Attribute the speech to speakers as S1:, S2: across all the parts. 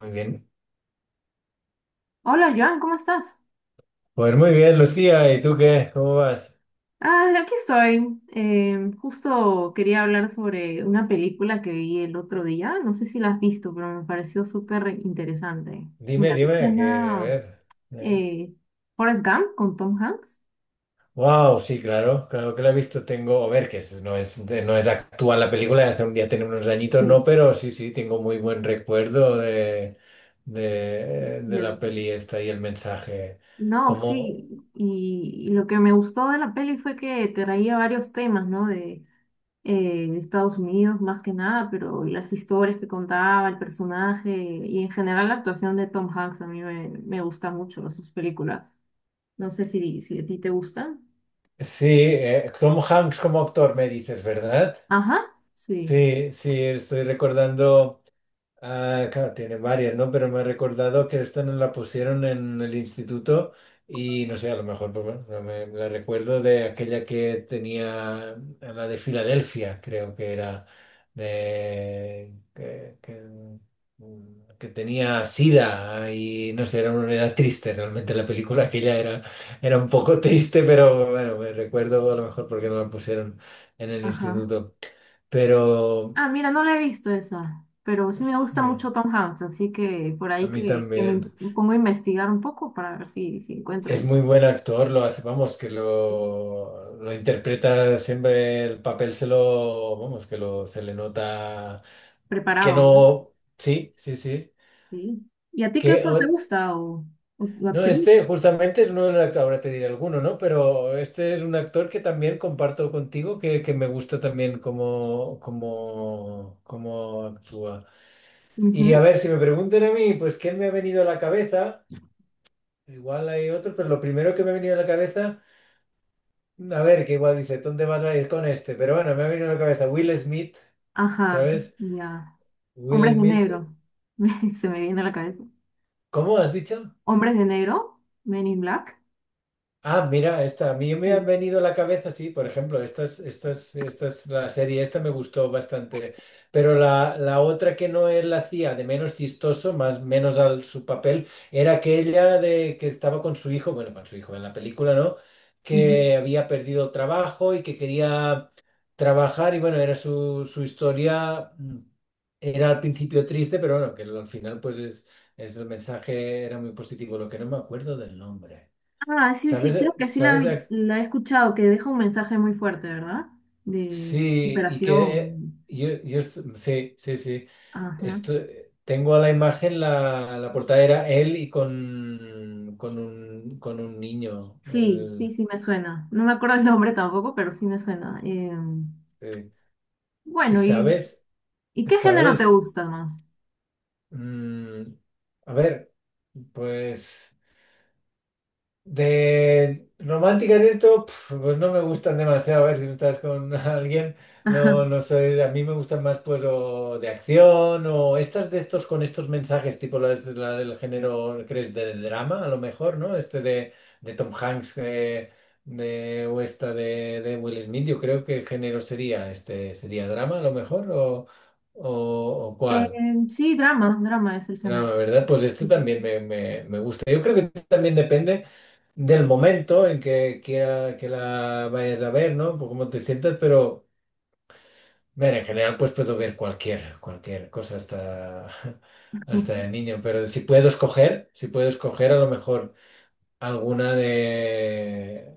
S1: Muy bien.
S2: Hola Joan, ¿cómo estás?
S1: Pues muy bien, Lucía. ¿Y tú qué? ¿Cómo vas?
S2: Ah, aquí estoy. Justo quería hablar sobre una película que vi el otro día. No sé si la has visto, pero me pareció súper interesante.
S1: Dime,
S2: Mira, ¿te
S1: dime, que a
S2: suena
S1: ver. eh.
S2: eh, Forrest Gump con Tom Hanks?
S1: Wow, sí, claro, que la he visto. Tengo, a ver, no es, no es actual la película, de hace un día tiene unos añitos, no,
S2: Sí.
S1: pero sí, tengo muy buen recuerdo de
S2: De la
S1: la
S2: peli.
S1: peli esta y el mensaje.
S2: No,
S1: Como,
S2: sí. Y lo que me gustó de la peli fue que traía varios temas, ¿no? De en Estados Unidos más que nada, pero las historias que contaba, el personaje y en general la actuación de Tom Hanks a mí me gusta mucho sus películas. No sé si a ti te gustan.
S1: sí, Tom Hanks como actor, me dices, ¿verdad?
S2: Ajá, sí,
S1: Sí, sí, estoy recordando. Ah, claro, tiene varias, ¿no? Pero me ha recordado que esta nos la pusieron en el instituto y no sé, a lo mejor, pues bueno, no me, me la recuerdo de aquella que tenía, la de Filadelfia, creo que era, de, que, que, que tenía sida y no sé, era, era triste realmente la película, aquella era, era un poco triste, pero bueno, me recuerdo a lo mejor porque no la pusieron en el
S2: ajá.
S1: instituto, pero
S2: Ah, mira, no la he visto esa, pero sí me gusta
S1: sí,
S2: mucho Tom Hanks, así que por
S1: a
S2: ahí
S1: mí
S2: que me
S1: también.
S2: pongo a investigar un poco para ver si encuentro
S1: Es muy buen actor, lo hace, vamos, lo interpreta siempre el papel, se lo, vamos, que lo, se le nota que
S2: preparado, ¿no?
S1: no, sí, sí, sí,
S2: Sí. ¿Y a ti qué
S1: que,
S2: actor te gusta o
S1: no,
S2: actriz?
S1: este justamente es uno de los actores, ahora te diré alguno, ¿no? Pero este es un actor que también comparto contigo, que me gusta también cómo actúa. Y
S2: Ujú.
S1: a ver, si me preguntan a mí, pues, ¿quién me ha venido a la cabeza? Igual hay otro, pero lo primero que me ha venido a la cabeza. A ver, que igual dice, ¿dónde vas a ir con este? Pero bueno, me ha venido a la cabeza Will Smith,
S2: Ajá,
S1: ¿sabes?
S2: ya. Hombres
S1: Will
S2: de
S1: Smith,
S2: negro. Se me viene a la cabeza.
S1: ¿cómo has dicho?
S2: Hombres de negro, Men in Black.
S1: Ah, mira, esta, a mí me han
S2: Sí.
S1: venido a la cabeza, sí, por ejemplo, estas, la serie esta me gustó bastante, pero la otra que no él hacía de menos chistoso, más menos al su papel, era aquella de que estaba con su hijo, bueno, con su hijo en la película, ¿no?
S2: Ujú.
S1: Que había perdido el trabajo y que quería trabajar y bueno, era su, su historia, era al principio triste, pero bueno, que al final pues es el mensaje era muy positivo, lo que no me acuerdo del nombre.
S2: Ah, sí,
S1: ¿Sabes?
S2: sí, creo que sí
S1: ¿Sabes?
S2: la he escuchado, que deja un mensaje muy fuerte, ¿verdad? De
S1: Sí, y que
S2: superación.
S1: sí, sí, sí.
S2: Ajá.
S1: Esto, tengo a la imagen la portada era él con un niño.
S2: Sí, sí, sí me suena. No me acuerdo el nombre tampoco, pero sí me suena.
S1: Eh, Y
S2: Bueno,
S1: sabes,
S2: ¿y qué género te
S1: sabes,
S2: gusta más?
S1: Mm, a ver, pues. De románticas y esto, pf, pues no me gustan demasiado. A ver si tú estás con alguien, no,
S2: Ajá.
S1: no sé. A mí me gustan más, pues, o de acción o estas de estos con estos mensajes, tipo la del género, crees, de drama, a lo mejor, ¿no? Este de Tom Hanks de, o esta de Will Smith. Yo creo que género sería este, sería drama, a lo mejor, o, o
S2: Eh,
S1: cuál.
S2: sí, drama es el género.
S1: Drama, ¿verdad? Pues este también me gusta. Yo creo que también depende del momento en que quiera que la vayas a ver, ¿no? Por cómo te sientas, pero ver, en general pues puedo ver cualquier, cualquier cosa hasta, hasta de niño, pero si puedo escoger, si puedo escoger a lo mejor alguna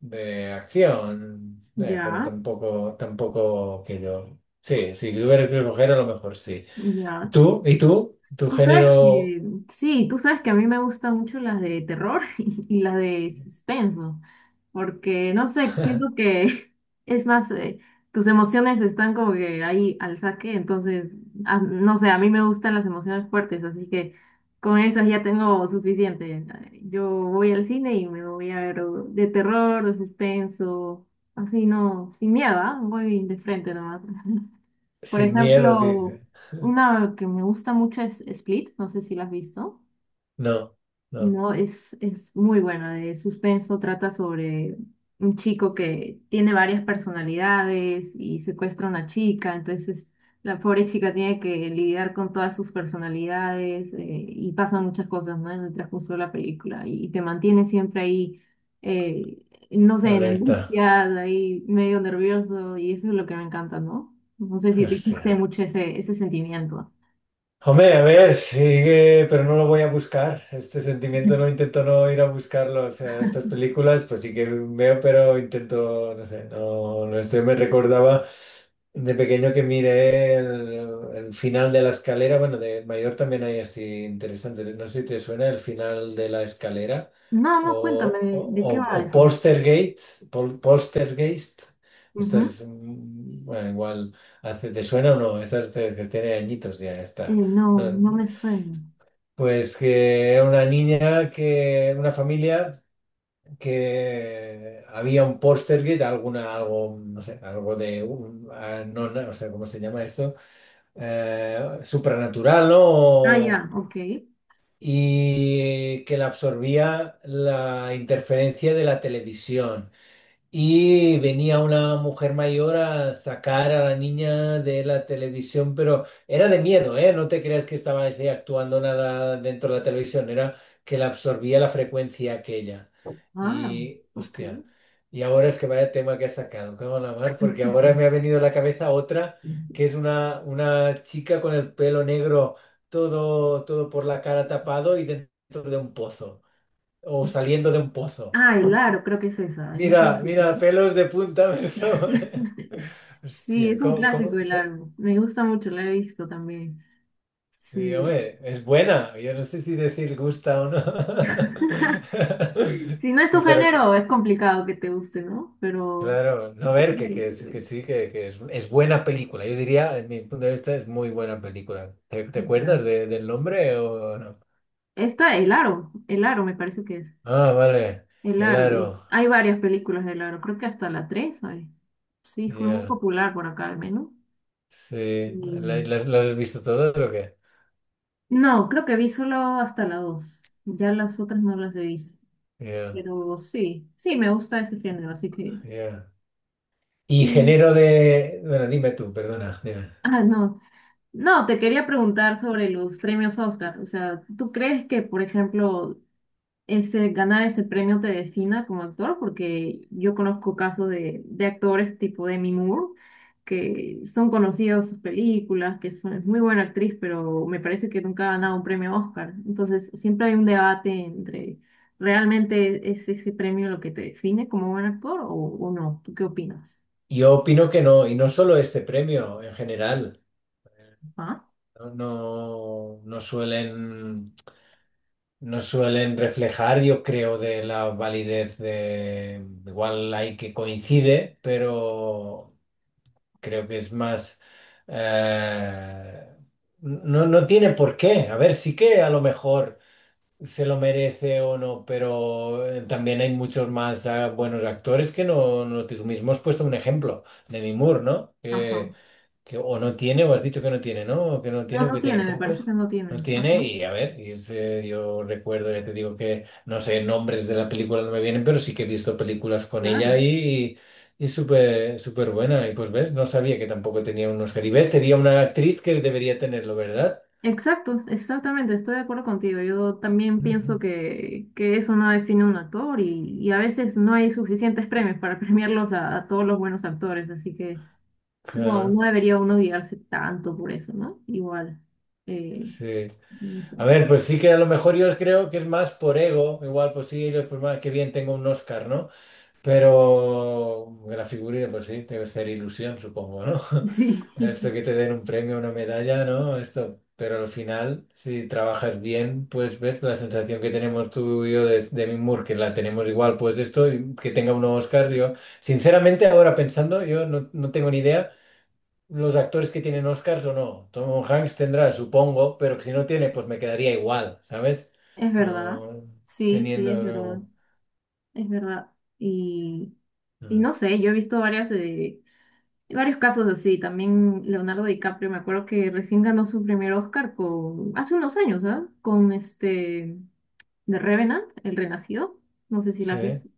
S1: de acción, pero
S2: Ya,
S1: tampoco, tampoco que yo. Sí, si tuviera que escoger a lo mejor sí.
S2: ya.
S1: ¿Tú? ¿Y tú? ¿Tu
S2: Tú sabes
S1: género
S2: que, sí, tú sabes que a mí me gustan mucho las de terror y las de suspenso, porque no sé, siento que es más, tus emociones están como que ahí al saque, entonces, ah, no sé, a mí me gustan las emociones fuertes, así que con esas ya tengo suficiente. Yo voy al cine y me voy a ver o de terror, de suspenso, así no, sin miedo, ¿ah? Voy de frente nomás. Por
S1: sin miedo,
S2: ejemplo,
S1: dice?
S2: una que me gusta mucho es Split, no sé si la has visto.
S1: No, no,
S2: No, es muy bueno. De suspenso trata sobre un chico que tiene varias personalidades y secuestra a una chica. Entonces, la pobre chica tiene que lidiar con todas sus personalidades y pasan muchas cosas, ¿no? En el transcurso de la película y te mantiene siempre ahí, eh, no sé, en
S1: alerta.
S2: angustias, ahí medio nervioso y eso es lo que me encanta, ¿no? No sé si te guste
S1: Hostia.
S2: mucho ese sentimiento.
S1: Hombre, a ver, sigue, pero no lo voy a buscar. Este sentimiento no intento no ir a buscarlo. O sea, estas películas, pues sí que veo, pero intento, no sé, no, no estoy. Me recordaba de pequeño que miré el final de la escalera. Bueno, de mayor también hay así interesantes. No sé si te suena el final de la escalera
S2: No, no, cuéntame,
S1: o, o,
S2: de qué
S1: o,
S2: va
S1: o
S2: eso?
S1: Poltergeist, Poltergeist. Estas, bueno, igual, hace, ¿te suena o no? Que tiene añitos ya, está.
S2: No,
S1: Eh,
S2: no me suena.
S1: Pues que era una niña que, una familia que había un Portergate, alguna, algo, no sé, algo de, ah, no, no, o sea, ¿cómo se llama esto? Supranatural, ¿no?
S2: Ah,
S1: O,
S2: ya, ok.
S1: y que la absorbía la interferencia de la televisión. Y venía una mujer mayor a sacar a la niña de la televisión, pero era de miedo, ¿eh? No te creas que estaba así actuando nada dentro de la televisión, era que la absorbía la frecuencia aquella.
S2: Ah,
S1: Y,
S2: ok.
S1: hostia, y ahora es que vaya tema que ha sacado, cago en la mar, porque ahora me ha venido a la cabeza otra, que es una chica con el pelo negro, todo, todo por la cara tapado y dentro de un pozo, o saliendo de un pozo.
S2: Ah, el aro, creo que es esa, es un
S1: Mira,
S2: clásico,
S1: mira,
S2: ¿no?
S1: pelos de punta me está poniendo.
S2: Sí,
S1: Hostia,
S2: es un
S1: ¿cómo
S2: clásico el
S1: se-
S2: aro. Me gusta mucho, la he visto también. Sí.
S1: Dígame, es buena. Yo no sé si decir gusta o no.
S2: Si no es
S1: Sí,
S2: tu
S1: pero
S2: género, es complicado que te guste, ¿no? Pero
S1: claro, no a
S2: sí.
S1: ver, que sí, que es buena película. Yo diría, en mi punto de vista, es muy buena película. ¿Te
S2: Ya.
S1: acuerdas del nombre o no?
S2: Esta, El Aro, El Aro me parece que es.
S1: Ah, vale,
S2: El
S1: El
S2: Aro, y
S1: Aro.
S2: hay varias películas del Aro, creo que hasta la 3 hay. Sí, fue muy
S1: Ya.
S2: popular por acá al menos.
S1: Sí,
S2: Mm,
S1: ¿las has visto todas o qué?
S2: No, creo que vi solo hasta la dos. Ya las otras no las he visto.
S1: Ya,
S2: Pero sí, sí, me gusta ese género, así que...
S1: ya. Y
S2: Y,
S1: género de. Bueno, dime tú, perdona. Dime.
S2: ah, no. No, te quería preguntar sobre los premios Oscar. O sea, ¿tú crees que, por ejemplo, ese, ganar ese premio te defina como actor, porque yo conozco casos de actores tipo Demi Moore, que son conocidos sus películas, que es muy buena actriz, pero me parece que nunca ha ganado un premio Oscar? Entonces, siempre hay un debate entre, ¿realmente es ese premio lo que te define como buen actor o no? ¿Tú qué opinas?
S1: Yo opino que no, y no solo este premio, en general.
S2: ¿Ah?
S1: No, no, no suelen reflejar, yo creo, de la validez de. Igual hay que coincide, pero creo que es más. eh, No, no tiene por qué. A ver, sí que a lo mejor, se lo merece o no, pero también hay muchos más buenos actores que no, tú mismo has puesto un ejemplo, Demi Moore, ¿no?
S2: Ajá.
S1: Que o no tiene, o has dicho que no tiene, ¿no? O que no
S2: No,
S1: tiene, o
S2: no
S1: que tiene
S2: tiene, me parece
S1: pocos.
S2: que no tiene.
S1: No tiene,
S2: Ajá,
S1: y a ver, y es, yo recuerdo, ya te digo que no sé, nombres de la película no me vienen, pero sí que he visto películas con ella
S2: claro.
S1: y súper súper buena. Y pues ves, no sabía que tampoco tenía unos Oscar. Y ves, sería una actriz que debería tenerlo, ¿verdad?
S2: Exacto, exactamente, estoy de acuerdo contigo. Yo también
S1: Ujú.
S2: pienso que eso no define un actor y a veces no hay suficientes premios para premiarlos a todos los buenos actores, así que no, no
S1: Claro,
S2: debería uno guiarse tanto por eso, ¿no? Igual, eh,
S1: sí.
S2: no sé.
S1: A ver, pues sí que a lo mejor yo creo que es más por ego, igual pues sí, ellos, pues más que bien tengo un Oscar, ¿no? Pero la figurita, pues sí, debe ser ilusión, supongo, ¿no?
S2: Sí,
S1: Esto que te den un premio, una medalla, ¿no? Esto, pero al final, si trabajas bien, pues ves la sensación que tenemos tú y yo de Demi Moore, que la tenemos igual, pues esto, y que tenga un Oscar, yo, sinceramente ahora pensando, yo no, no tengo ni idea los actores que tienen Oscars o no. Tom Hanks tendrá, supongo, pero que si no tiene, pues me quedaría igual, ¿sabes?
S2: es verdad,
S1: No,
S2: sí, sí, es
S1: teniendo,
S2: verdad,
S1: no.
S2: es verdad. Y, y
S1: Mm.
S2: no sé, yo he visto varias, varios casos así, también Leonardo DiCaprio, me acuerdo que recién ganó su primer Oscar con, hace unos años, ¿ah? Con este, The Revenant, El Renacido, no sé si la
S1: Sí.
S2: has visto,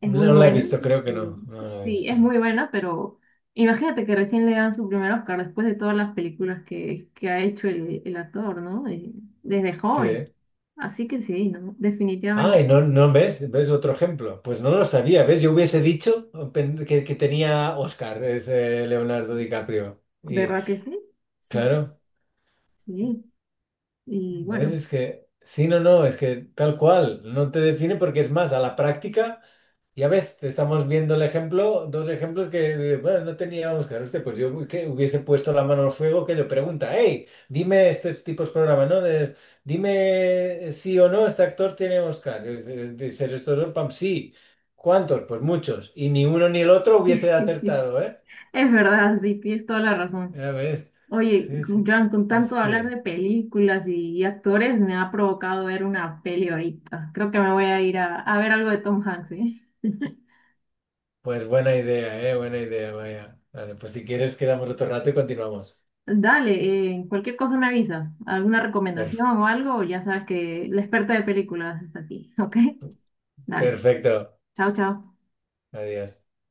S2: es muy
S1: No la he
S2: buena. No.
S1: visto, creo que no.
S2: y-
S1: No la he
S2: sí, es
S1: visto.
S2: muy buena, pero imagínate que recién le dan su primer Oscar después de todas las películas que ha hecho el actor, ¿no? Desde
S1: Sí.
S2: joven, así que sí, ¿no?
S1: Ah,
S2: Definitivamente,
S1: y no, no ves, ves otro ejemplo. Pues no lo sabía, ¿ves? Yo hubiese dicho que tenía Oscar, ese Leonardo DiCaprio. Y
S2: ¿verdad que sí? Sí, sí,
S1: claro,
S2: sí, y
S1: ¿ves?
S2: bueno,
S1: Es que, sí, no, no, es que tal cual, no te define porque es más, a la práctica. Ya ves, te estamos viendo el ejemplo, dos ejemplos que, bueno, no teníamos claro este, pues yo que hubiese puesto la mano al fuego que le pregunta, hey, dime estos tipos de programas, ¿no? De, dime sí o no, este actor tiene Oscar. Y dice- Dices, estos dos, pam, sí. ¿Cuántos? Pues muchos. Y ni uno ni el otro hubiese
S2: es
S1: acertado, ¿eh?
S2: verdad, sí, tienes toda la razón.
S1: Ya ves.
S2: Oye,
S1: Sí, sí.
S2: Joan, con tanto hablar
S1: Hostia.
S2: de películas y actores, me ha provocado ver una peli ahorita. Creo que me voy a ir a ver algo de Tom Hanks, ¿eh?
S1: Pues buena idea, ¿eh? Buena idea, vaya. Vale, pues si quieres quedamos otro rato y continuamos.
S2: Dale, cualquier cosa me avisas. ¿Alguna
S1: Per-
S2: recomendación o algo? Ya sabes que la experta de películas está aquí, ¿ok? Dale.
S1: perfecto.
S2: Chao, chao.
S1: Adiós.